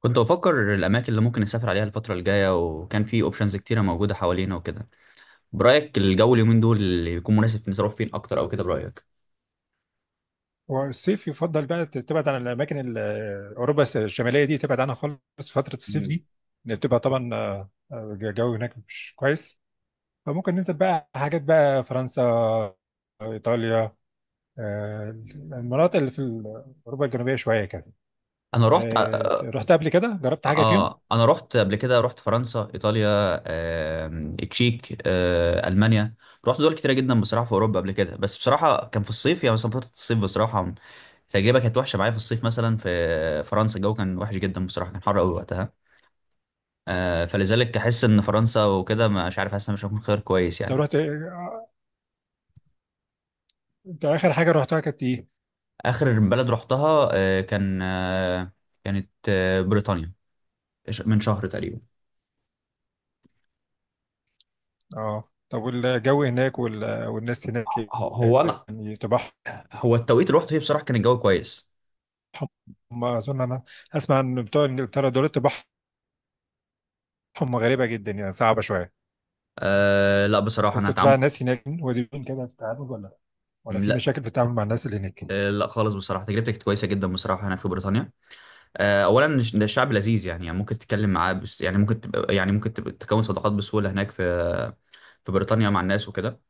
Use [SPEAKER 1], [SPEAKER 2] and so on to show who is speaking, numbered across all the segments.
[SPEAKER 1] كنت بفكر الاماكن اللي ممكن نسافر عليها الفتره الجايه، وكان في اوبشنز كتيره موجوده حوالينا وكده. برايك الجو اليومين دول اللي يكون مناسب نروح فين اكتر، او كده برايك؟
[SPEAKER 2] والصيف يفضل بقى تبعد عن الاماكن اوروبا الشماليه دي، تبعد عنها خالص فتره الصيف
[SPEAKER 1] مم.
[SPEAKER 2] دي. لان بتبقى طبعا الجو هناك مش كويس. فممكن ننزل بقى حاجات بقى فرنسا، ايطاليا، المناطق اللي في اوروبا الجنوبيه شويه كده.
[SPEAKER 1] انا رحت
[SPEAKER 2] ولا رحت قبل كده، جربت حاجه فيهم؟
[SPEAKER 1] انا رحت قبل كده، رحت فرنسا، ايطاليا، التشيك، المانيا. رحت دول كتيره جدا بصراحه في اوروبا قبل كده، بس بصراحه كان في الصيف، يعني مثلا فتره الصيف بصراحه التجربه كانت وحشه معايا في الصيف، مثلا في فرنسا الجو كان وحش جدا بصراحه، كان حر قوي وقتها. فلذلك احس ان فرنسا وكده، مش عارف، حاسس إن مش هكون خيار كويس
[SPEAKER 2] طب
[SPEAKER 1] يعني.
[SPEAKER 2] رحت، انت اخر حاجه رحتها كانت ايه؟
[SPEAKER 1] اخر بلد رحتها كانت بريطانيا، من شهر تقريبا.
[SPEAKER 2] اه طب والجو هناك والناس هناك،
[SPEAKER 1] هو انا،
[SPEAKER 2] يعني طباعهم.
[SPEAKER 1] هو التوقيت اللي رحت فيه بصراحه كان الجو كويس.
[SPEAKER 2] اظن انا اسمع ان بتوع انجلترا دول طباعهم هم غريبة جدا يعني، صعبة شوية.
[SPEAKER 1] أه لا، بصراحه انا
[SPEAKER 2] بس بتبقى
[SPEAKER 1] هتعم.
[SPEAKER 2] الناس هناك ودودين كده في التعامل، ولا ولا في
[SPEAKER 1] لا.
[SPEAKER 2] مشاكل في التعامل مع الناس اللي هناك؟
[SPEAKER 1] لا خالص، بصراحه تجربتي كانت كويسه جدا بصراحه هنا في بريطانيا. أه اولا، ده الشعب لذيذ يعني، يعني ممكن تتكلم معاه، بس يعني ممكن تبقى، يعني ممكن تبقى تكون صداقات بسهوله هناك في بريطانيا مع الناس وكده.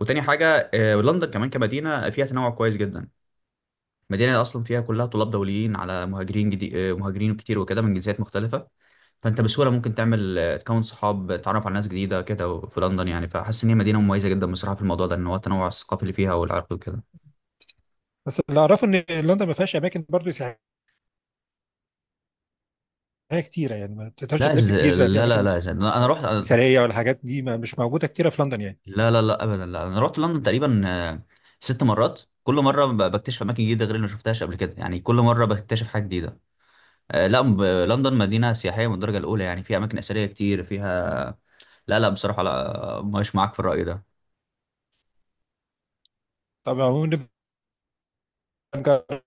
[SPEAKER 1] وتاني حاجه أه، لندن كمان كمدينه فيها تنوع كويس جدا. مدينة أصلا فيها كلها طلاب دوليين، على مهاجرين جديد، مهاجرين كتير وكده من جنسيات مختلفة. فأنت بسهولة ممكن تعمل تكون صحاب، تتعرف على ناس جديدة كده في لندن يعني. فحاسس إن هي مدينة مميزة جدا بصراحة في الموضوع ده، إن هو التنوع الثقافي اللي فيها والعرقي وكده.
[SPEAKER 2] بس اللي اعرفه ان لندن ما فيهاش اماكن برضه سياحيه كتيره، يعني ما تقدرش
[SPEAKER 1] لا
[SPEAKER 2] تلف كتير في
[SPEAKER 1] لا لا
[SPEAKER 2] اماكن
[SPEAKER 1] لا أنا رحت.
[SPEAKER 2] مثاليه، ولا حاجات دي ما مش موجوده كتيره في لندن يعني.
[SPEAKER 1] لا لا لا أبدا، لا، أنا رحت لندن تقريبا ست مرات. كل مرة بكتشف أماكن جديدة غير اللي ما شفتهاش قبل كده يعني، كل مرة بكتشف حاجة جديدة. لا، لندن مدينة سياحية من الدرجة الأولى يعني، فيها أماكن أثرية كتير فيها. لا لا بصراحة لا، مش معاك في الرأي ده.
[SPEAKER 2] طبعا ونبقى نجرب،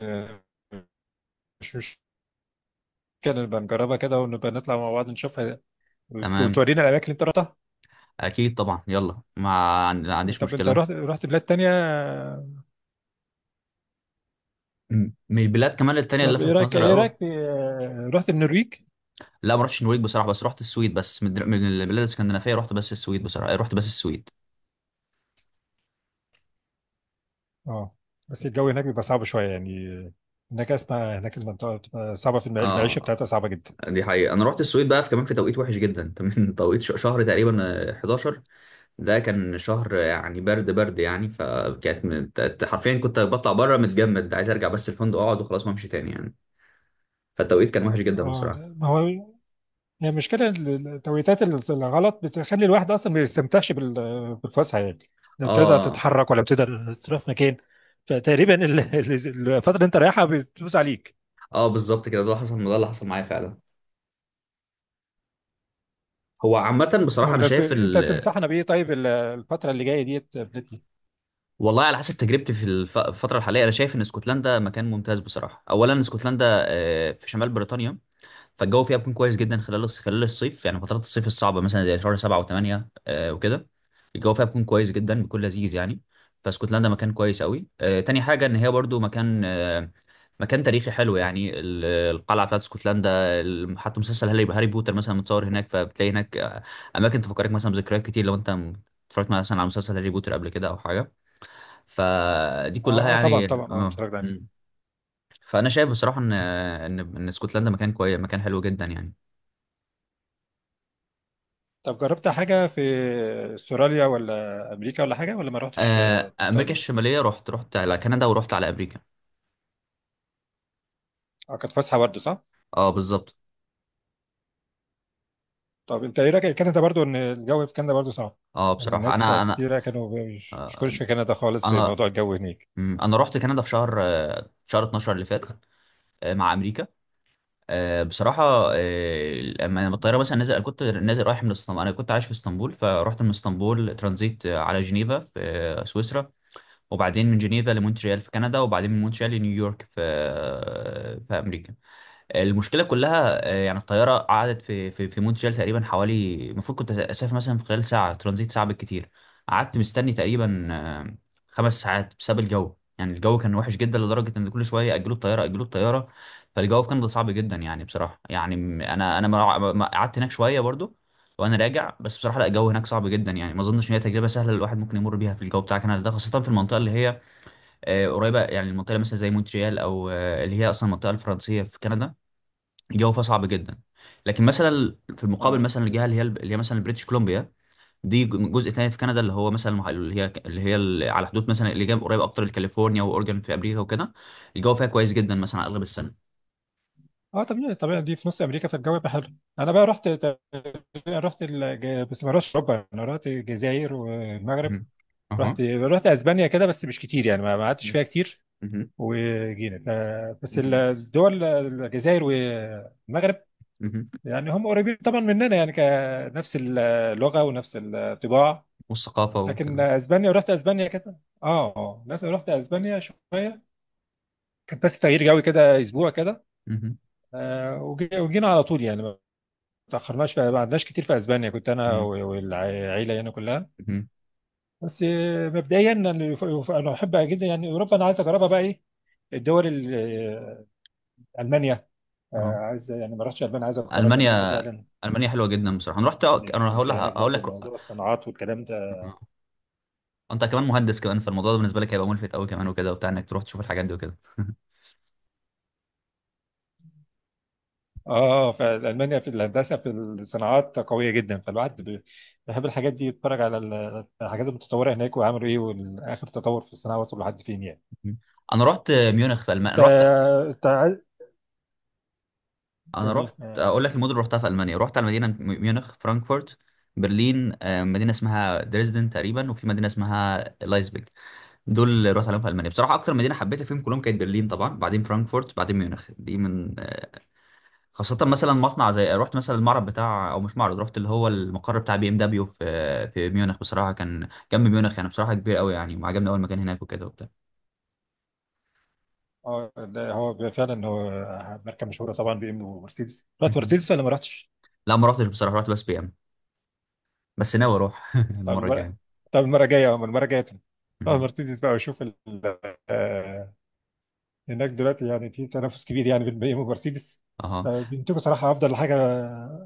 [SPEAKER 2] آه، مش مشكله، نبقى نجربها كده ونبقى نطلع مع بعض نشوفها.
[SPEAKER 1] تمام،
[SPEAKER 2] وتورينا الاماكن اللي انت رحتها.
[SPEAKER 1] اكيد طبعا، يلا، ما عنديش
[SPEAKER 2] طب انت
[SPEAKER 1] مشكله.
[SPEAKER 2] رحت بلاد تانية؟
[SPEAKER 1] من البلاد كمان التانية اللي
[SPEAKER 2] طب ايه
[SPEAKER 1] لفتت
[SPEAKER 2] رايك،
[SPEAKER 1] نظري
[SPEAKER 2] ايه
[SPEAKER 1] قوي،
[SPEAKER 2] رايك رحت النرويج؟
[SPEAKER 1] لا ما رحتش النرويج بصراحه. بس رحت السويد بس، من البلاد الاسكندنافيه رحت بس السويد، بصراحه رحت بس السويد.
[SPEAKER 2] اه بس الجو هناك بيبقى صعب شويه يعني. هناك اسمع هناك المنطقه بتبقى صعبه، في المعيشه
[SPEAKER 1] اه،
[SPEAKER 2] بتاعتها صعبه جدا.
[SPEAKER 1] دي حقيقة، أنا رحت السويد بقى في كمان في توقيت وحش جدا من توقيت شهر تقريبا، 11. ده كان شهر يعني برد برد يعني، فكانت حرفيا كنت بطلع بره متجمد، عايز أرجع بس الفندق أقعد وخلاص ما أمشي تاني يعني. فالتوقيت كان وحش جدا
[SPEAKER 2] اه
[SPEAKER 1] بصراحة.
[SPEAKER 2] ما هو هي المشكله التوقيتات الغلط بتخلي الواحد اصلا ما يستمتعش بالفسحه يعني. لا بتقدر
[SPEAKER 1] اه.
[SPEAKER 2] تتحرك ولا بتقدر تروح مكان. فتقريبا الفتره اللي انت رايحها بتدوس عليك.
[SPEAKER 1] اه بالظبط كده، ده اللي حصل، ده اللي حصل معايا فعلا. هو عامة
[SPEAKER 2] طب
[SPEAKER 1] بصراحة أنا
[SPEAKER 2] انت
[SPEAKER 1] شايف
[SPEAKER 2] انت
[SPEAKER 1] ال...
[SPEAKER 2] تنصحنا بايه طيب الفتره اللي جايه ديت يا بلتي؟
[SPEAKER 1] والله على حسب تجربتي في الفترة الحالية أنا شايف إن اسكتلندا مكان ممتاز بصراحة. أولا اسكتلندا في شمال بريطانيا، فالجو فيها بيكون كويس جدا خلال خلال الصيف، يعني فترات الصيف الصعبه مثلا زي شهر سبعة وثمانية آه وكده الجو فيها بيكون كويس جدا، بيكون لذيذ يعني. فاسكتلندا مكان كويس قوي. آه تاني حاجه، ان هي برضو مكان مكان تاريخي حلو يعني، القلعه بتاعت اسكتلندا. حتى مسلسل هاري بوتر مثلا متصور هناك، فبتلاقي هناك اماكن تفكرك مثلا بذكريات كتير لو انت اتفرجت مثلا على مسلسل هاري بوتر قبل كده او حاجه، فدي كلها
[SPEAKER 2] اه اه طبعا
[SPEAKER 1] يعني.
[SPEAKER 2] طبعا، اه اتفرجنا عليه.
[SPEAKER 1] م. فانا شايف بصراحه ان ان اسكتلندا مكان كويس، مكان حلو جدا يعني.
[SPEAKER 2] طب جربت حاجه في استراليا ولا امريكا ولا حاجه، ولا ما رحتش المنطقه
[SPEAKER 1] امريكا
[SPEAKER 2] دي؟
[SPEAKER 1] الشماليه، رحت على كندا ورحت على امريكا.
[SPEAKER 2] اه كانت فسحه برضه صح؟
[SPEAKER 1] اه بالظبط.
[SPEAKER 2] طب انت ايه رايك كندا، برضه ان الجو في كندا برضه صعب؟
[SPEAKER 1] اه
[SPEAKER 2] يعني
[SPEAKER 1] بصراحه
[SPEAKER 2] الناس
[SPEAKER 1] انا انا
[SPEAKER 2] كتيرة كانوا مش مش كلش
[SPEAKER 1] آه،
[SPEAKER 2] في كندا خالص في
[SPEAKER 1] انا
[SPEAKER 2] موضوع الجو هناك.
[SPEAKER 1] مم، انا رحت كندا في شهر شهر 12 اللي فات، مع امريكا. بصراحه، لما لما الطياره مثلا نزل، انا كنت نازل رايح من اسطنبول، انا كنت عايش في اسطنبول، فرحت من اسطنبول ترانزيت على جنيفا في سويسرا، وبعدين من جنيفا لمونتريال في كندا، وبعدين من مونتريال لنيويورك في في امريكا. المشكله كلها يعني الطياره قعدت في مونتريال تقريبا حوالي، المفروض كنت اسافر مثلا في خلال ساعه ترانزيت، ساعه بالكتير. قعدت مستني تقريبا خمس ساعات بسبب الجو. يعني الجو كان وحش جدا لدرجه ان كل شويه اجلوا الطياره، اجلوا الطياره. فالجو كان صعب جدا يعني بصراحه يعني، قعدت هناك شويه برضو وانا راجع. بس بصراحه لا، الجو هناك صعب جدا يعني، ما اظنش ان هي تجربه سهله الواحد ممكن يمر بيها في الجو بتاع كندا ده، خاصه في المنطقه اللي هي قريبه يعني، المنطقه مثلا زي مونتريال او اللي هي اصلا المنطقه الفرنسيه في كندا، الجو فيها صعب جدا. لكن مثلا في المقابل
[SPEAKER 2] اه
[SPEAKER 1] مثلا، الجهه اللي هي مثلا بريتش كولومبيا، دي جزء تاني في كندا اللي هو مثلا، اللي هي اللي على حدود مثلا، اللي جنب قريب اكتر لكاليفورنيا واورجن في امريكا وكده، الجو فيها كويس جدا مثلا على اغلب السنه.
[SPEAKER 2] اه طبيعي طبيعي، دي في نص امريكا فالجو يبقى حلو. انا بقى رحت تقريبا، رحت بس ما رحتش اوروبا، انا رحت الجزائر والمغرب.
[SPEAKER 1] مهم.
[SPEAKER 2] رحت
[SPEAKER 1] اها.
[SPEAKER 2] رحت اسبانيا كده بس مش كتير يعني، ما ما قعدتش
[SPEAKER 1] مهم.
[SPEAKER 2] فيها كتير.
[SPEAKER 1] مهم.
[SPEAKER 2] وجينا ف... بس
[SPEAKER 1] مهم.
[SPEAKER 2] الدول الجزائر والمغرب
[SPEAKER 1] مهم.
[SPEAKER 2] يعني هم قريبين طبعا مننا يعني، كنفس اللغه ونفس الطباع.
[SPEAKER 1] والثقافه
[SPEAKER 2] لكن
[SPEAKER 1] وكده.
[SPEAKER 2] اسبانيا، ورحت اسبانيا كده. اه اه لكن رحت اسبانيا شويه، كان بس تغيير جو كده اسبوع كده.
[SPEAKER 1] مهم.
[SPEAKER 2] آه وجينا على طول يعني، ما ما قعدناش كتير في اسبانيا، كنت انا
[SPEAKER 1] مهم.
[SPEAKER 2] والعيله يعني كلها.
[SPEAKER 1] مهم.
[SPEAKER 2] بس مبدئيا انا أنا بحب جدا يعني اوروبا، انا عايز اجربها بقى. ايه الدول آه، المانيا،
[SPEAKER 1] اه
[SPEAKER 2] عايز يعني، ما رحتش المانيا، عايز اجرب المانيا
[SPEAKER 1] المانيا،
[SPEAKER 2] فعلا.
[SPEAKER 1] المانيا حلوه جدا بصراحه، انا رحت انا
[SPEAKER 2] لان
[SPEAKER 1] هقول
[SPEAKER 2] في
[SPEAKER 1] لك،
[SPEAKER 2] هناك
[SPEAKER 1] هقول
[SPEAKER 2] برضو
[SPEAKER 1] لك.
[SPEAKER 2] موضوع الصناعات والكلام ده.
[SPEAKER 1] أها. انت كمان مهندس كمان، فالموضوع ده بالنسبه لك هيبقى ملفت قوي كمان وكده وبتاع، انك تروح تشوف الحاجات دي وكده.
[SPEAKER 2] اه فالمانيا في الهندسه في الصناعات قويه جدا، فالواحد بيحب الحاجات دي، يتفرج على الحاجات المتطوره هناك وعملوا ايه واخر تطور في الصناعه وصل لحد فين يعني.
[SPEAKER 1] انا رحت ميونخ في المانيا
[SPEAKER 2] انت
[SPEAKER 1] انا رحت
[SPEAKER 2] انت عايز-
[SPEAKER 1] انا
[SPEAKER 2] جميل.
[SPEAKER 1] رحت اقول لك المدن اللي رحتها في المانيا، رحت على مدينه ميونخ، فرانكفورت، برلين، مدينه اسمها دريسدن تقريبا، وفي مدينه اسمها لايبزيج. دول اللي رحت عليهم في المانيا. بصراحه اكتر مدينه حبيتها فيهم كلهم كانت برلين طبعا، بعدين فرانكفورت، بعدين ميونخ. دي من خاصه مثلا مصنع زي، رحت مثلا المعرض بتاع، او مش معرض، رحت اللي هو المقر بتاع بي ام دبليو في ميونخ، بصراحه كان جنب ميونخ يعني. بصراحه كبير قوي يعني، وعجبني اول مكان هناك وكده وبتاع.
[SPEAKER 2] اه ده هو فعلا، هو ماركه مشهوره طبعا بي ام ومرسيدس. رحت
[SPEAKER 1] مهم.
[SPEAKER 2] مرسيدس ولا ما رحتش؟
[SPEAKER 1] لا ما رحتش بصراحه، رحت بس بي ام. بس ناوي اروح
[SPEAKER 2] طب
[SPEAKER 1] المره
[SPEAKER 2] المره
[SPEAKER 1] الجايه.
[SPEAKER 2] طب المره الجايه، أما المره الجايه اه
[SPEAKER 1] مهم.
[SPEAKER 2] مرسيدس بقى، وشوف آه، هناك دلوقتي يعني في تنافس كبير يعني بين بي ام ومرسيدس.
[SPEAKER 1] اها.
[SPEAKER 2] بينتجوا صراحه افضل حاجه،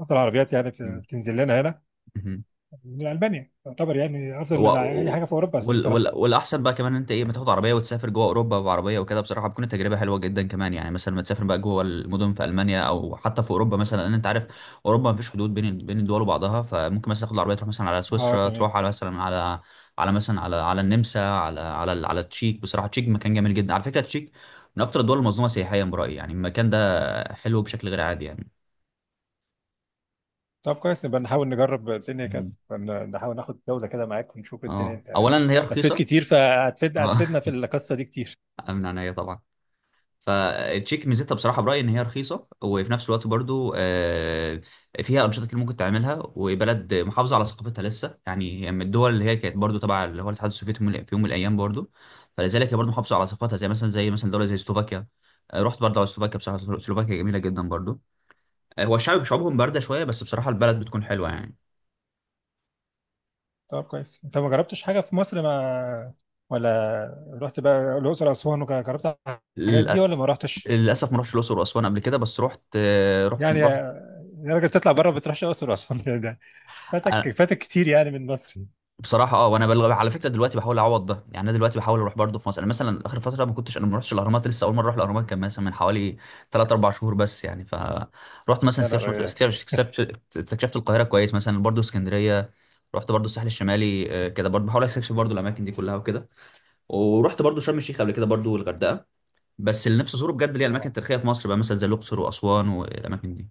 [SPEAKER 2] افضل عربيات يعني
[SPEAKER 1] مم.
[SPEAKER 2] بتنزل لنا هنا
[SPEAKER 1] مهم.
[SPEAKER 2] من ألبانيا، يعتبر يعني أفضل
[SPEAKER 1] و...
[SPEAKER 2] من أي
[SPEAKER 1] و...
[SPEAKER 2] حاجة في أوروبا الصراحة.
[SPEAKER 1] والاحسن بقى كمان، إن انت ايه ما تاخد عربيه وتسافر جوه اوروبا بعربيه وكده، بصراحه بتكون التجربه حلوه جدا كمان، يعني مثلا ما تسافر بقى جوه المدن في المانيا او حتى في اوروبا مثلا، لان انت عارف اوروبا ما فيش حدود بين الدول وبعضها. فممكن مثلا تاخد العربيه تروح مثلا على
[SPEAKER 2] أه
[SPEAKER 1] سويسرا،
[SPEAKER 2] تمام.
[SPEAKER 1] تروح على مثلا على، على مثلا على على النمسا، على على على التشيك. بصراحه التشيك مكان جميل جدا على فكره، التشيك من اكتر الدول المظلومه سياحيا برايي، يعني المكان ده حلو بشكل غير عادي يعني.
[SPEAKER 2] طب كويس نبقى نحاول نجرب الدنيا كده
[SPEAKER 1] مهم.
[SPEAKER 2] نحاول ناخد جولة كده معاك ونشوف الدنيا.
[SPEAKER 1] اه،
[SPEAKER 2] أنت
[SPEAKER 1] اولا هي
[SPEAKER 2] لفيت
[SPEAKER 1] رخيصه.
[SPEAKER 2] كتير فهتفيد، هتفيدنا في القصة دي كتير.
[SPEAKER 1] من عينيا طبعا. فالتشيك ميزتها بصراحه برايي ان هي رخيصه، وفي نفس الوقت برضو فيها انشطه كتير ممكن تعملها، وبلد محافظه على ثقافتها لسه يعني، هي من الدول اللي هي كانت برضو تبع اللي هو الاتحاد السوفيتي في يوم من الايام برضو، فلذلك هي برضو محافظه على ثقافتها، زي مثلا زي مثلا دوله زي سلوفاكيا. رحت برضو على سلوفاكيا، بصراحه سلوفاكيا جميله جدا برضو. هو الشعب، شعوبهم بارده شويه، بس بصراحه البلد بتكون حلوه يعني.
[SPEAKER 2] طب كويس أنت ما جربتش حاجة في مصر؟ ما ولا رحت بقى الأقصر وأسوان وجربت الحاجات دي،
[SPEAKER 1] للأ-
[SPEAKER 2] ولا ما رحتش؟
[SPEAKER 1] للاسف ما رحتش الاقصر واسوان قبل كده، بس رحت آه، رحت
[SPEAKER 2] يعني
[SPEAKER 1] رحت
[SPEAKER 2] يا راجل تطلع بره ما بتروحش الأقصر وأسوان ده ده فاتك فاتك كتير يعني من مصر.
[SPEAKER 1] بصراحه. اه، وانا على فكره دلوقتي بحاول اعوض ده يعني، انا دلوقتي بحاول اروح برضه في مصر. انا مثلا اخر فتره ما كنتش، انا ما رحتش الاهرامات لسه، اول مره اروح الاهرامات كان مثلا من حوالي 3 4 شهور بس يعني ف، رحت مثلا
[SPEAKER 2] يا نهار أبيض.
[SPEAKER 1] استكشفت القاهره كويس، مثلا برضه اسكندريه، رحت برضه الساحل الشمالي كده، برضه بحاول استكشف برضه الاماكن دي كلها وكده. ورحت برضه شرم الشيخ قبل كده برضه، والغردقه. بس اللي نفسي ازوره بجد اللي هي الاماكن
[SPEAKER 2] اه
[SPEAKER 1] التاريخيه في مصر بقى، مثلا زي الاقصر واسوان والاماكن دي.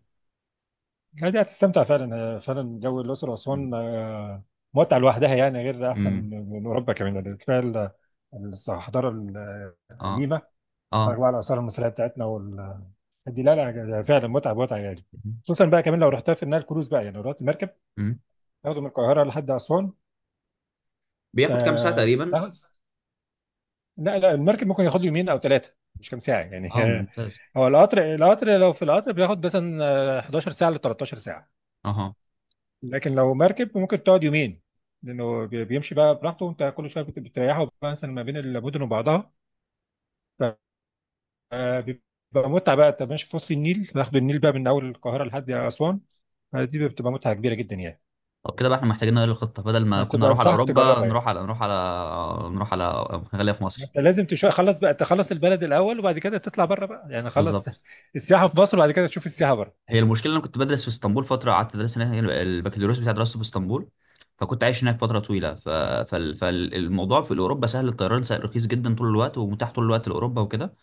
[SPEAKER 2] لا دي هتستمتع فعلا، فعلا جو الأقصر وأسوان
[SPEAKER 1] امم.
[SPEAKER 2] متعة لوحدها يعني، غير أحسن
[SPEAKER 1] أمم.
[SPEAKER 2] من أوروبا كمان يعني. كفاية الحضارة
[SPEAKER 1] اه.
[SPEAKER 2] القديمة،
[SPEAKER 1] اه.
[SPEAKER 2] أربعة الآثار المصرية بتاعتنا وال دي. لا لا يعني فعلا متعة متعة يعني. خصوصا بقى كمان لو رحتها في النيل كروز بقى، يعني لو رحت مركب
[SPEAKER 1] أمم.
[SPEAKER 2] تاخده من القاهرة لحد أسوان.
[SPEAKER 1] بياخد كام ساعه تقريبا؟
[SPEAKER 2] لا لا المركب ممكن ياخد يومين أو ثلاثة، مش كام ساعة يعني
[SPEAKER 1] اه ممتاز.
[SPEAKER 2] هو القطر لو في القطر بياخد مثلا 11 ساعة ل 13 ساعة.
[SPEAKER 1] اها.
[SPEAKER 2] لكن لو مركب ممكن تقعد يومين، لانه بيمشي بقى براحته، وانت كل شويه بتريحه بقى مثلا ما بين المدن وبعضها. فبيبقى متعه بقى، انت ماشي في وسط النيل، باخد النيل بقى من اول القاهره لحد اسوان. دي بتبقى متعه كبيره جدا يعني.
[SPEAKER 1] طب كده بقى احنا محتاجين نغير الخطة، بدل ما كنا
[SPEAKER 2] هتبقى
[SPEAKER 1] نروح على
[SPEAKER 2] انصحك
[SPEAKER 1] أوروبا،
[SPEAKER 2] تجربها
[SPEAKER 1] نروح
[SPEAKER 2] يعني.
[SPEAKER 1] على نروح على نروح على خلينا في مصر.
[SPEAKER 2] انت لازم تشوف، خلص بقى تخلص البلد الاول وبعد كده تطلع بره بقى يعني، خلص
[SPEAKER 1] بالظبط.
[SPEAKER 2] السياحه في مصر وبعد كده تشوف السياحه بره.
[SPEAKER 1] هي المشكلة إن أنا كنت بدرس في اسطنبول فترة، قعدت أدرس هناك يعني، البكالوريوس بتاعي درسته في اسطنبول، فكنت عايش هناك فترة طويلة. فالموضوع في أوروبا سهل، الطيران سهل رخيص جدا طول الوقت ومتاح طول الوقت لأوروبا وكده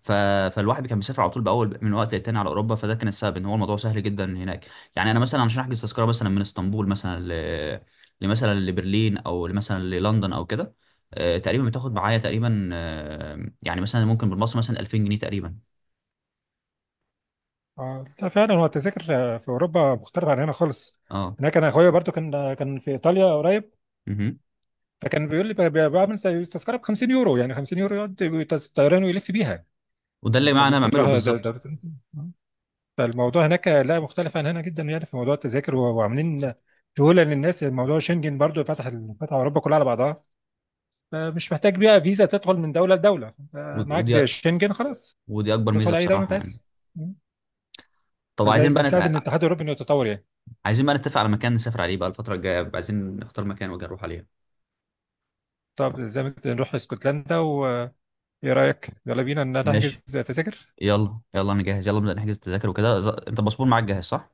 [SPEAKER 1] ف... فالواحد كان بيسافر على طول باول من وقت للتاني على اوروبا، فده كان السبب ان هو الموضوع سهل جدا هناك. يعني انا مثلا عشان احجز تذكره مثلا من اسطنبول. لمثلا لبرلين او مثلا للندن او كده، تقريبا بتاخد معايا تقريبا، يعني مثلا ممكن بالمصري مثلا 2000 جنيه تقريبا.
[SPEAKER 2] اه لا فعلا هو التذاكر في اوروبا مختلف عن هنا خالص.
[SPEAKER 1] اه
[SPEAKER 2] هناك انا اخويا برضو كان في ايطاليا قريب،
[SPEAKER 1] مهم.
[SPEAKER 2] فكان بيقول لي بعمل زي تذكره ب 50 يورو، يعني 50 يورو يقعد طيران ويلف بيها.
[SPEAKER 1] وده
[SPEAKER 2] يعني
[SPEAKER 1] اللي
[SPEAKER 2] انت
[SPEAKER 1] معانا
[SPEAKER 2] كنت
[SPEAKER 1] بعمله
[SPEAKER 2] رايح
[SPEAKER 1] بالظبط.
[SPEAKER 2] فالموضوع هناك لا مختلف عن هنا جدا يعني، في موضوع التذاكر وعاملين سهوله للناس. موضوع شنجن برضو فتح فتح اوروبا كلها على بعضها، فمش محتاج بقى فيزا تدخل من دوله لدوله،
[SPEAKER 1] ود-
[SPEAKER 2] معاك
[SPEAKER 1] ودي
[SPEAKER 2] بيها شنجن خلاص،
[SPEAKER 1] ودي اكبر
[SPEAKER 2] تدخل
[SPEAKER 1] ميزه
[SPEAKER 2] اي دوله انت
[SPEAKER 1] بصراحه
[SPEAKER 2] عايزها.
[SPEAKER 1] يعني. طب
[SPEAKER 2] فده
[SPEAKER 1] عايزين
[SPEAKER 2] اللي
[SPEAKER 1] بقى
[SPEAKER 2] مساعد ان
[SPEAKER 1] نت...
[SPEAKER 2] الاتحاد الاوروبي انه يتطور يعني.
[SPEAKER 1] عايزين بقى نتفق على مكان نسافر عليه بقى الفتره الجايه، عايزين نختار مكان وجاي نروح عليه.
[SPEAKER 2] طب زي ما قلت نروح اسكتلندا، وايه رايك؟ يلا بينا ان نحجز
[SPEAKER 1] ماشي.
[SPEAKER 2] تذاكر.
[SPEAKER 1] يلا يلا انا جاهز، يلا نبدا نحجز التذاكر وكده. انت الباسبور معاك جاهز صح؟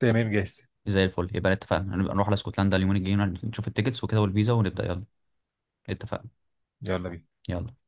[SPEAKER 2] تمام جاهز.
[SPEAKER 1] زي الفل، يبقى اتفقنا هنبقى نروح على اسكتلندا اليومين الجايين، نشوف التيكتس وكده والفيزا ونبدا يلا. اتفقنا.
[SPEAKER 2] يلا بينا.
[SPEAKER 1] يلا.